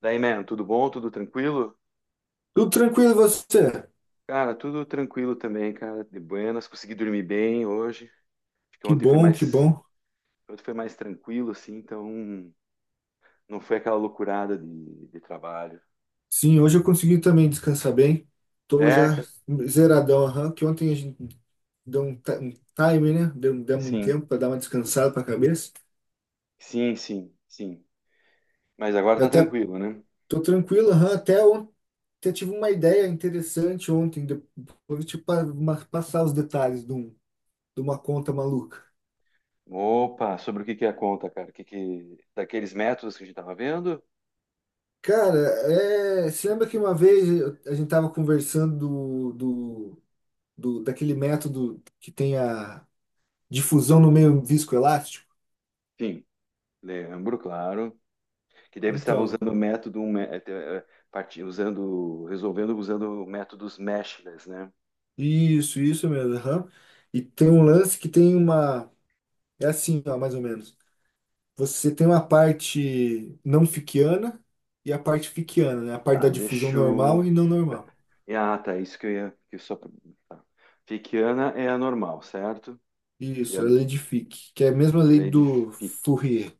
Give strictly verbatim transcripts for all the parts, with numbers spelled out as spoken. Daí, mano, tudo bom? Tudo tranquilo? Tudo tranquilo, e você? Cara, tudo tranquilo também, cara. De buenas, consegui dormir bem hoje. Acho que Que ontem foi bom, que mais, bom. ontem foi mais tranquilo, assim, então não foi aquela loucurada de, de trabalho. Sim, hoje eu consegui também descansar bem. Tô já É, cara. zeradão, aham, que ontem a gente deu um, ti- um time, né? Deu, demos um Sim, tempo para dar uma descansada para a cabeça. sim, sim, sim. Mas agora Eu tá até tranquilo, né? tô tranquilo, aham, até ontem até tive uma ideia interessante ontem, depois de passar os detalhes de, um- de uma conta maluca. Opa, sobre o que que é a conta, cara? O que que... Daqueles métodos que a gente tava vendo? Cara, é, você lembra que uma vez eu- a gente tava conversando do, do, do- daquele método que tem a difusão no meio viscoelástico? Sim, lembro, claro. Que daí você estava Então, usando o método, um mé- eh, eh, parti- usando, resolvendo usando métodos meshless, né? isso, isso mesmo. Aham. E tem um lance que tem uma. É assim, ó, mais ou menos. Você tem uma parte não fickiana e a parte fickiana, né? A parte da Tá, difusão deixa normal e eu... não pe- normal. ah, tá, isso que eu ia... Que eu só... tá. Fickiana é a normal, certo? E Isso, a é a lei de Fick, que é a mesma lei lei de do Fick, Fourier.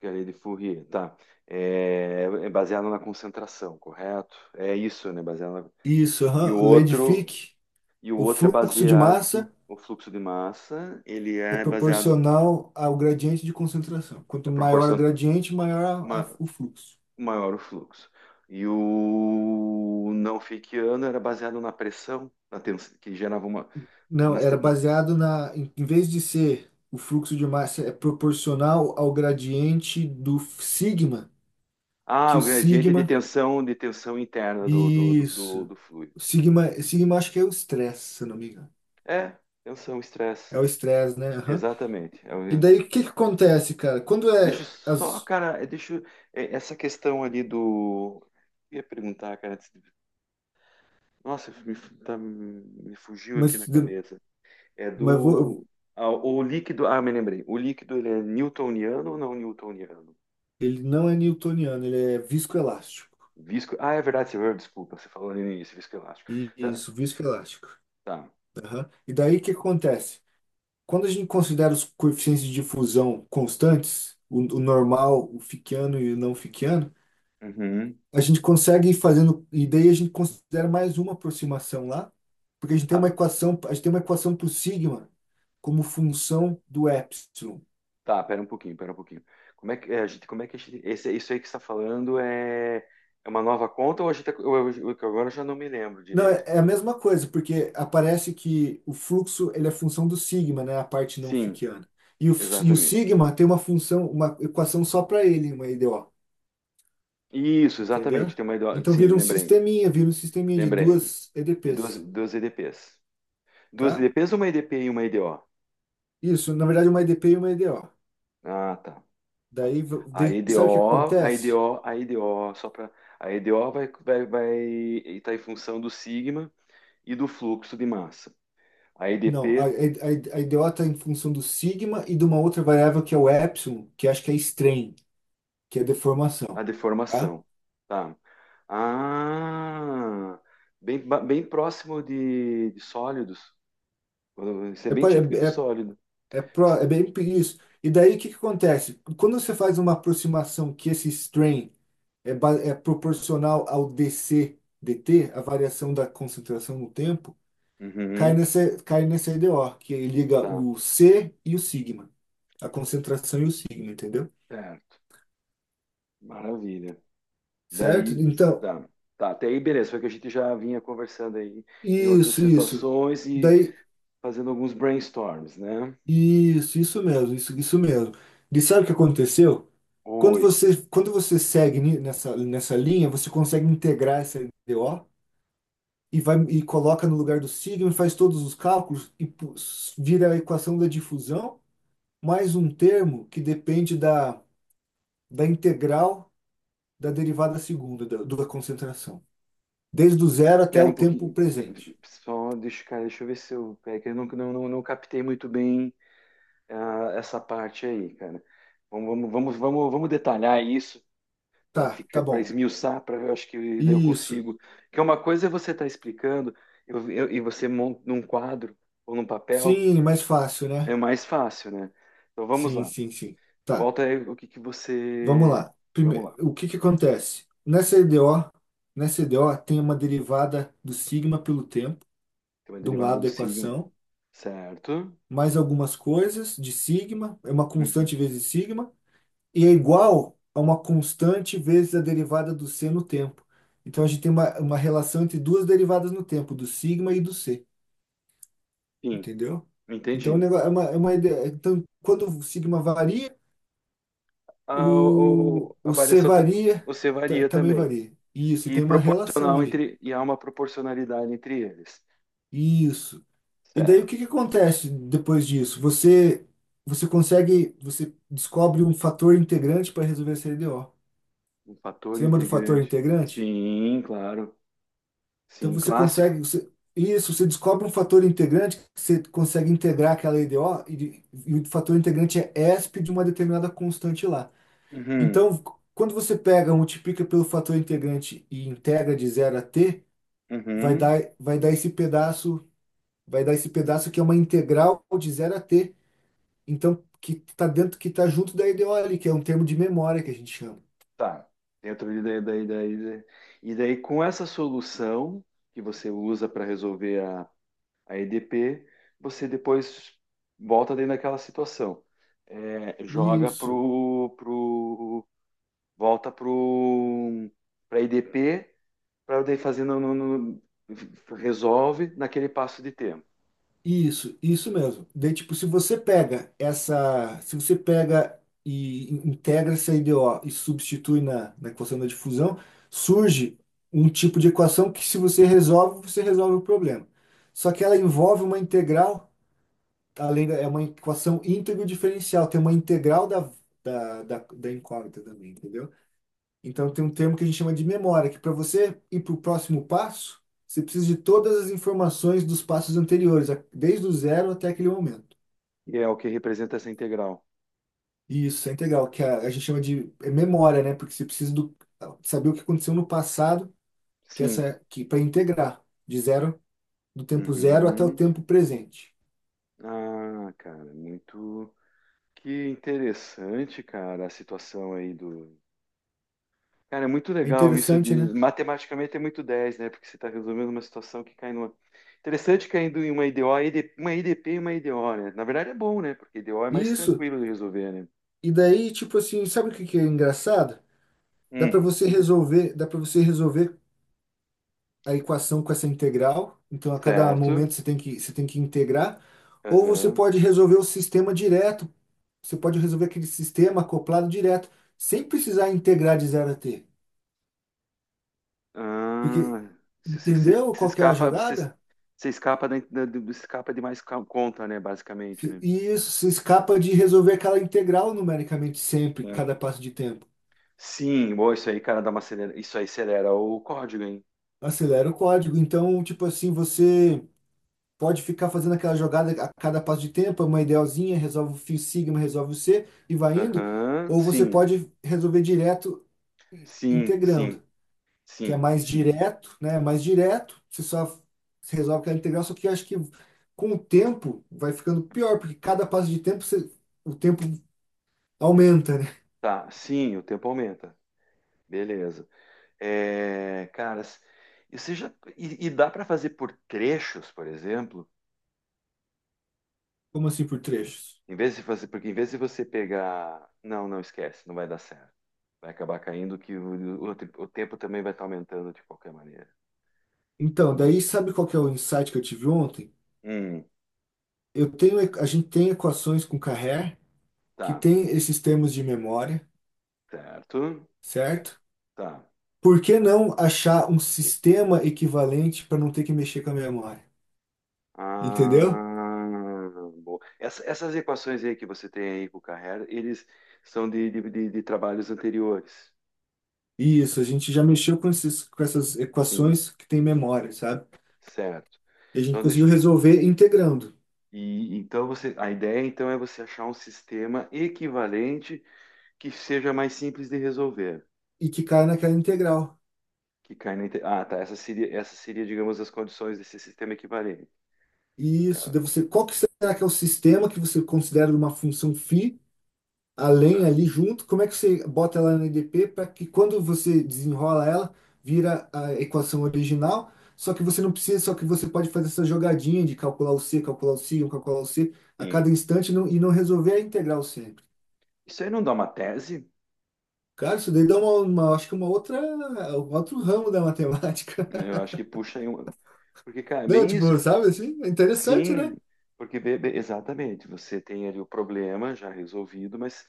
que é a lei de Fourier, tá. É, é baseado na concentração, correto? É isso, né? Baseado na... Isso, E o aham. Lei de outro... Fick, E o o outro é fluxo de baseado massa no fluxo de massa, ele é é baseado... proporcional ao gradiente de concentração. Quanto É maior o proporção gradiente, maior a- a- ma- o fluxo. maior o fluxo. E o não Fickiano era baseado na pressão, na tens... que gerava uma... Não, nas te- era baseado na, em em vez de ser o fluxo de massa é proporcional ao gradiente do sigma, que ah, o o gradiente de sigma, tensão, de tensão interna do, do, do, do- isso, do fluido. o sigma, sigma acho que é o estresse, se eu não me engano. É, tensão, estresse. É o estresse, né? Aham. Exatamente. É o- E daí o que que acontece, cara? Quando Deixa eu é só, as, cara, é, deixa eu- é, essa questão ali do. Eu ia perguntar, cara. Nossa, me, fu- tá- me fugiu aqui na mas, cabeça. É mas do. vou, Ah, o líquido. Ah, me lembrei. O líquido, ele é newtoniano ou não newtoniano? ele não é newtoniano, ele é viscoelástico. Visco. Ah, é verdade, senhor. Desculpa, você falou ali no início, viscoelástico. E- Tá. Isso, viscoelástico. Tá. Aham. E daí o que acontece? Quando a gente considera os coeficientes de difusão constantes, o, o normal, o Fickiano e o não Fickiano, Uhum. a gente consegue ir fazendo, e daí a gente considera mais uma aproximação lá, porque a gente tem uma Tá. equação, a gente tem uma equação para o sigma como função do epsilon. Tá, pera um pouquinho, pera um pouquinho. Como é que é, a gente, como é que a gente, esse, isso aí que você está falando é, é uma nova conta ou a gente, tá- eu, eu, eu- que agora eu já não me lembro Não, é direito. é a mesma coisa, porque aparece que o fluxo ele é função do sigma, né, a parte não Sim, Fickiana. E o, e o exatamente. sigma tem uma função, uma equação só para ele, uma E D O. Isso, Entendeu? exatamente. Tem uma, I D O Então sim, vira um lembrei, sisteminha, vira um sisteminha de lembrei. duas De duas, E D Pês, duas E D Ps. Duas tá? E D Ps, uma E D P e uma EDO. Isso, na verdade, uma E D P e uma E D O. Ah, tá. Daí, v- A daí sabe o que EDO, a acontece? EDO, a EDO, só para a EDO vai vai vai estar em função do sigma e do fluxo de massa. A Não, a, a, E D P a a E D O está em função do sigma e de uma outra variável que é o epsilon, que acho que é strain, que é a deformação, tá? deformação. Tá. Ah, bem, ba- bem próximo de, de sólidos. Isso é É, bem pare- típico de é, é, sólido. é pró- é bem isso. E daí o que que acontece? Quando você faz uma aproximação que esse strain é, ba- é proporcional ao D C, D T, a variação da concentração no tempo, cai Uhum, nesse, cai nesse o que liga tá, o C e o sigma, a concentração e o sigma, entendeu? certo. Maravilha. Certo? Daí, Então, tá. Tá, até aí, beleza. Foi o que a gente já vinha conversando aí em outras isso, isso. situações e Daí, fazendo alguns brainstorms, né? isso, isso mesmo, isso, isso mesmo. E sabe o que aconteceu? Quando Oi, você, quando você segue ni- nessa, nessa linha, você consegue integrar essa I D o e vai e coloca no lugar do sigma, e faz todos os cálculos e pu- vira a equação da difusão mais um termo que depende da, da integral da derivada segunda da, da concentração. Desde o zero até espera o um tempo pouquinho. Pe- presente. Só deixa, cara, deixa eu ver se eu. É que eu não, não, não, não captei muito bem ah, essa parte aí, cara. Vamos, vamos, vamos, vamos vamos detalhar isso para Tá, tá ficar, para bom. esmiuçar, para eu acho que daí eu Isso. consigo. Que é uma coisa é você estar explicando eu- eu- e você monta num quadro ou num papel, Sim, mais fácil, é né? mais fácil, né? Então vamos Sim, lá. sim, sim. Tá, Volta aí o que que vamos você. lá. Vamos Primeiro, lá. o que que acontece? Nessa E D O, nessa E D O tem uma derivada do sigma pelo tempo, Tem uma de um derivada lado do da signo, equação, certo? mais algumas coisas de sigma, é uma Uhum. constante vezes sigma, e é igual a uma constante vezes a derivada do c no tempo. Então a gente tem uma, uma relação entre duas derivadas no tempo, do sigma e do c, Sim, entendeu? Então o entendi. negócio é uma, é uma ideia. Então, quando o sigma varia, A, o, o- a o c variação ta- varia, você ta- varia também também. varia. Isso, e E tem uma relação proporcional ali. entre, e há uma proporcionalidade entre eles. Isso. E daí o Certo. que que acontece depois disso? Você você consegue, você descobre um fator integrante para resolver essa L D o. Um fator Você lembra do fator integrante. integrante? Sim, claro. Então Sim, você clássico. consegue, você- isso, você descobre um fator integrante que você consegue integrar aquela I D O e, de- e o fator integrante é E S P de uma determinada constante lá. Uhum. Então, quando você pega, multiplica pelo fator integrante e integra de zero a t, vai Uhum. dar, vai dar esse pedaço, vai dar esse pedaço que é uma integral de zero a t. Então, que está dentro, que está junto da I D O ali, que é um termo de memória que a gente chama. Tá. Dentro de daí, daí, daí, daí. E daí, com essa solução que você usa para resolver a, a E D P, você depois volta dentro daquela situação. É, joga Isso. pro, pro, volta pro, pra E D P, para daí fazer no, no, no- resolve naquele passo de tempo. Isso, isso mesmo. Daí, tipo, se você pega essa, se você pega e integra essa I D O e substitui na, na equação da difusão, surge um tipo de equação que se você resolve, você resolve o problema. Só que ela envolve uma integral, além da, é uma equação íntegro-diferencial, tem uma integral da, da, da, da incógnita também, entendeu? Então tem um termo que a gente chama de memória, que para você ir para o próximo passo, você precisa de todas as informações dos passos anteriores, a- desde o zero até aquele momento. E é o que representa essa integral. E isso é integral, que a, a gente chama de é memória, né? Porque você precisa do, saber o que aconteceu no passado, que Sim. essa que para integrar de zero, do tempo zero até o Uhum. tempo presente. Ah, cara, muito. Que interessante, cara, a situação aí do. Cara, é muito É legal isso interessante, né? de. Matematicamente é muito dez, né? Porque você está resolvendo uma situação que cai numa. Interessante caindo em uma IDO, ID uma IDP e uma IDO, né? Na verdade é bom, né? Porque I D O é mais Isso. tranquilo de resolver, né? E daí, tipo assim, sabe o que que é engraçado? Dá para Hum, você resolver, dá para você resolver a equação com essa integral, então a cada certo. momento você tem que, você tem que integrar, ou você Aham. pode resolver o sistema direto, você pode resolver aquele sistema acoplado direto, sem precisar integrar de zero a t. Porque, Ah, se você- você- entendeu você qual que é a escapa, você, jogada? se escapa, da, da- do- escapa de mais ca- conta, né? Basicamente, né? E isso se escapa de resolver aquela integral numericamente sempre, cada passo de tempo. Sim, boa, isso aí, cara, dá uma acelera. Isso aí acelera o código, hein? Acelera o código. Então, tipo assim, você. Pode ficar fazendo aquela jogada a cada passo de tempo, é uma idealzinha, resolve o φ sigma, resolve o C e vai indo. Aham, Ou você sim, pode resolver direto sim, sim, integrando, que é sim, mais sim. direto, né? É Mais direto, você só resolve aquela integral, só que eu acho que com o tempo vai ficando pior, porque cada passo de tempo você- o tempo aumenta, né? Tá, sim, o tempo aumenta. Beleza. É, caras, e você já e, e dá para fazer por trechos, por exemplo, Como assim por trechos? em vez de fazer, porque em vez de você pegar, não, não esquece, não vai dar certo. Vai acabar caindo que o, o, o tempo também vai estar aumentando de qualquer maneira. Não, Então, não- daí sabe qual que é o insight que eu tive ontem? Hum, Eu tenho, a gente tem equações com Carré que tá, tem esses termos de memória, certo, certo? tá. Por que não achar um sistema equivalente para não ter que mexer com a memória? Entendeu? Ah, boa. Essa- essas equações aí que você tem aí com o Carrera, eles são de, de, de- de trabalhos anteriores. Isso, a gente já mexeu com esses, com essas Sim, equações que tem memória, sabe? certo. E a gente Então, conseguiu deixa, resolver integrando e, então você, a ideia então é você achar um sistema equivalente que seja mais simples de resolver. e que cai naquela integral. Que cai na, inte- ah, tá. Essa seria, essa seria, digamos, as condições desse sistema equivalente. É, Isso, daí você, qual que será que é o sistema que você considera uma função φ a ah, lenha ali junto, como é que você bota ela na E D P para que quando você desenrola ela, vira a equação original, só que você não precisa, só que você pode fazer essa jogadinha de calcular o C, calcular o C, um, calcular o C a sim. cada instante e não, e não resolver a integral sempre. Isso aí não dá uma tese? Cara, isso daí dá uma, uma- acho que uma outra, um outro ramo da matemática. Eu acho que puxa aí um. Porque, cara, é Não, bem tipo, isso. sabe assim? É interessante, Sim, né? porque be- be- exatamente, você tem ali o problema já resolvido, mas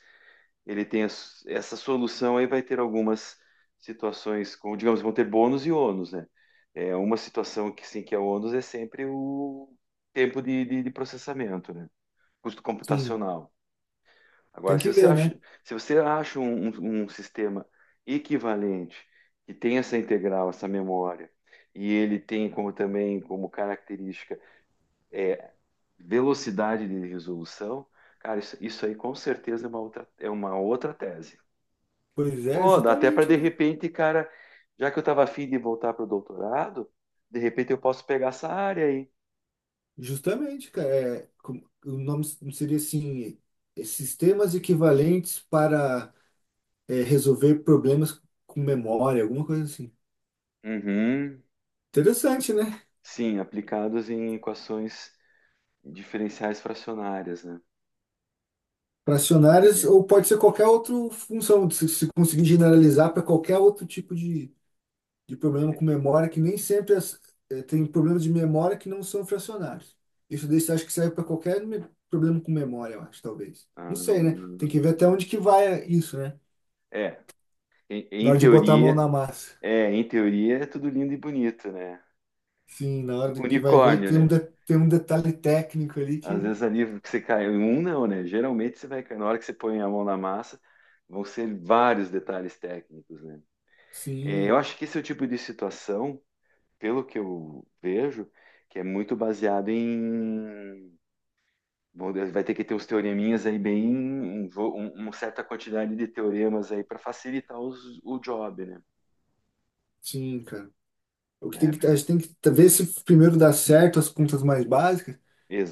ele tem as- essa solução aí vai ter algumas situações com, digamos, vão ter bônus e ônus, né? É uma situação que sim que é ônus é sempre o tempo de, de, de processamento, né? Custo Sim, computacional. Agora, tem se que você ver, né? acha, se você acha um, um, um sistema equivalente que tem essa integral, essa memória, e ele tem como também como característica velocidade de resolução, cara, isso, isso aí com certeza é uma outra, é uma outra tese. Pois é, Ou dá até para justamente, de né? repente, cara, já que eu estava afim de voltar para o doutorado, de repente eu posso pegar essa área aí. Justamente, cara, é, como- o nome seria assim, é, sistemas equivalentes para é, resolver problemas com memória, alguma coisa assim. Uhum. Interessante, né? Sim, aplicados em equações diferenciais fracionárias, né? Fracionárias, E- ou pode ser qualquer outra função, se, se conseguir generalizar para qualquer outro tipo de, de problema com memória, que nem sempre as- é, tem problemas de memória que não são fracionários. Isso daí você acha que serve para qualquer me- problema com memória, eu acho, talvez. Não sei, né? ah, Tem que ver até onde que vai isso, né? é, em, Na em hora de botar a mão teoria, na massa. é, em teoria é tudo lindo e bonito, né? Sim, na hora do que vai ver, Unicórnio, tem um, né? de- tem um detalhe técnico ali Às que. vezes ali que você cai, um não, né? Geralmente você vai, na hora que você põe a mão na massa, vão ser vários detalhes técnicos, né? É, eu Sim, acho que esse é o tipo de situação, pelo que eu vejo, que é muito baseado em. Bom, vai ter que ter os teoreminhas aí bem, um vo- um- uma certa quantidade de teoremas aí para facilitar os- o job, né? sim, cara. O que tem Né? que, a gente tem que ver se primeiro dá certo as contas mais básicas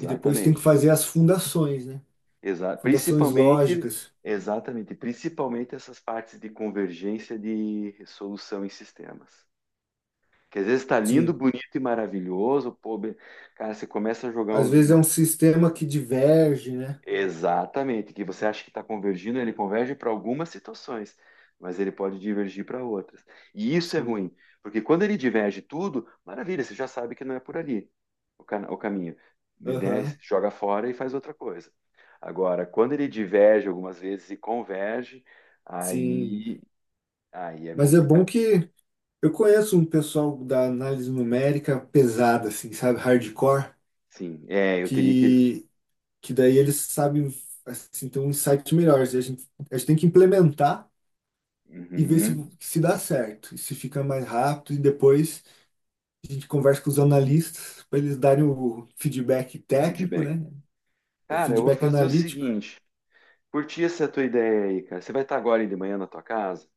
e depois tem que fazer as fundações, né? Exa- Fundações Principalmente, lógicas. exatamente, principalmente essas partes de convergência de resolução em sistemas. Que às vezes está lindo, Sim. bonito e maravilhoso, pô, be- cara, você começa a jogar Às uns, vezes é um sistema que diverge, né? exatamente, que você acha que está convergindo, ele converge para algumas situações, mas ele pode divergir para outras. E isso é Sim. ruim, porque quando ele diverge tudo, maravilha, você já sabe que não é por ali o, ca- o caminho. Né? Aham. Joga fora e faz outra coisa. Agora, quando ele diverge algumas vezes e converge, Sim. aí, aí é Mas é bom complicado. que eu conheço um pessoal da análise numérica pesada, assim, sabe? Hardcore, Sim, é, eu teria que. que que daí eles sabem assim, ter uns sites melhores. E a gente, a gente tem que implementar e ver se, Uhum, se dá certo, e se fica mais rápido, e depois a gente conversa com os analistas para eles darem o feedback o técnico, feedback. né? É Cara, eu vou Feedback fazer o analítico. seguinte: curti essa tua ideia aí, cara. Você vai estar agora de manhã na tua casa?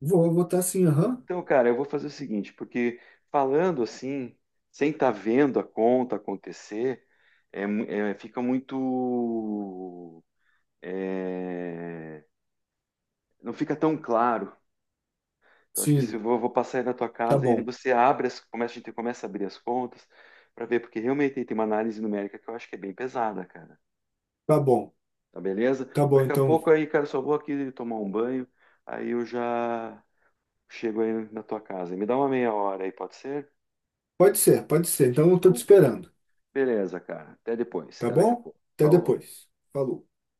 Vou votar sim, aham. Então, cara, eu vou fazer o seguinte, porque falando assim, sem estar vendo a conta acontecer, é mu- é, fica muito, é, não fica tão claro. Então, acho que se eu Sim, vou, vou passar aí na tua tá casa, ele bom, você abre, as, começa, a gente começa a abrir as contas para ver, porque realmente tem uma análise numérica que eu acho que é bem pesada, cara. tá bom, Tá beleza? tá bom. Daqui a Então, pouco aí, cara, só vou aqui tomar um banho, aí eu já chego aí na tua casa. Me dá uma meia hora aí, pode ser? pode ser, pode ser. Então, eu tô te esperando, Beleza, cara. Até depois. tá Até daqui a bom? pouco. Até Falou. depois. Falou.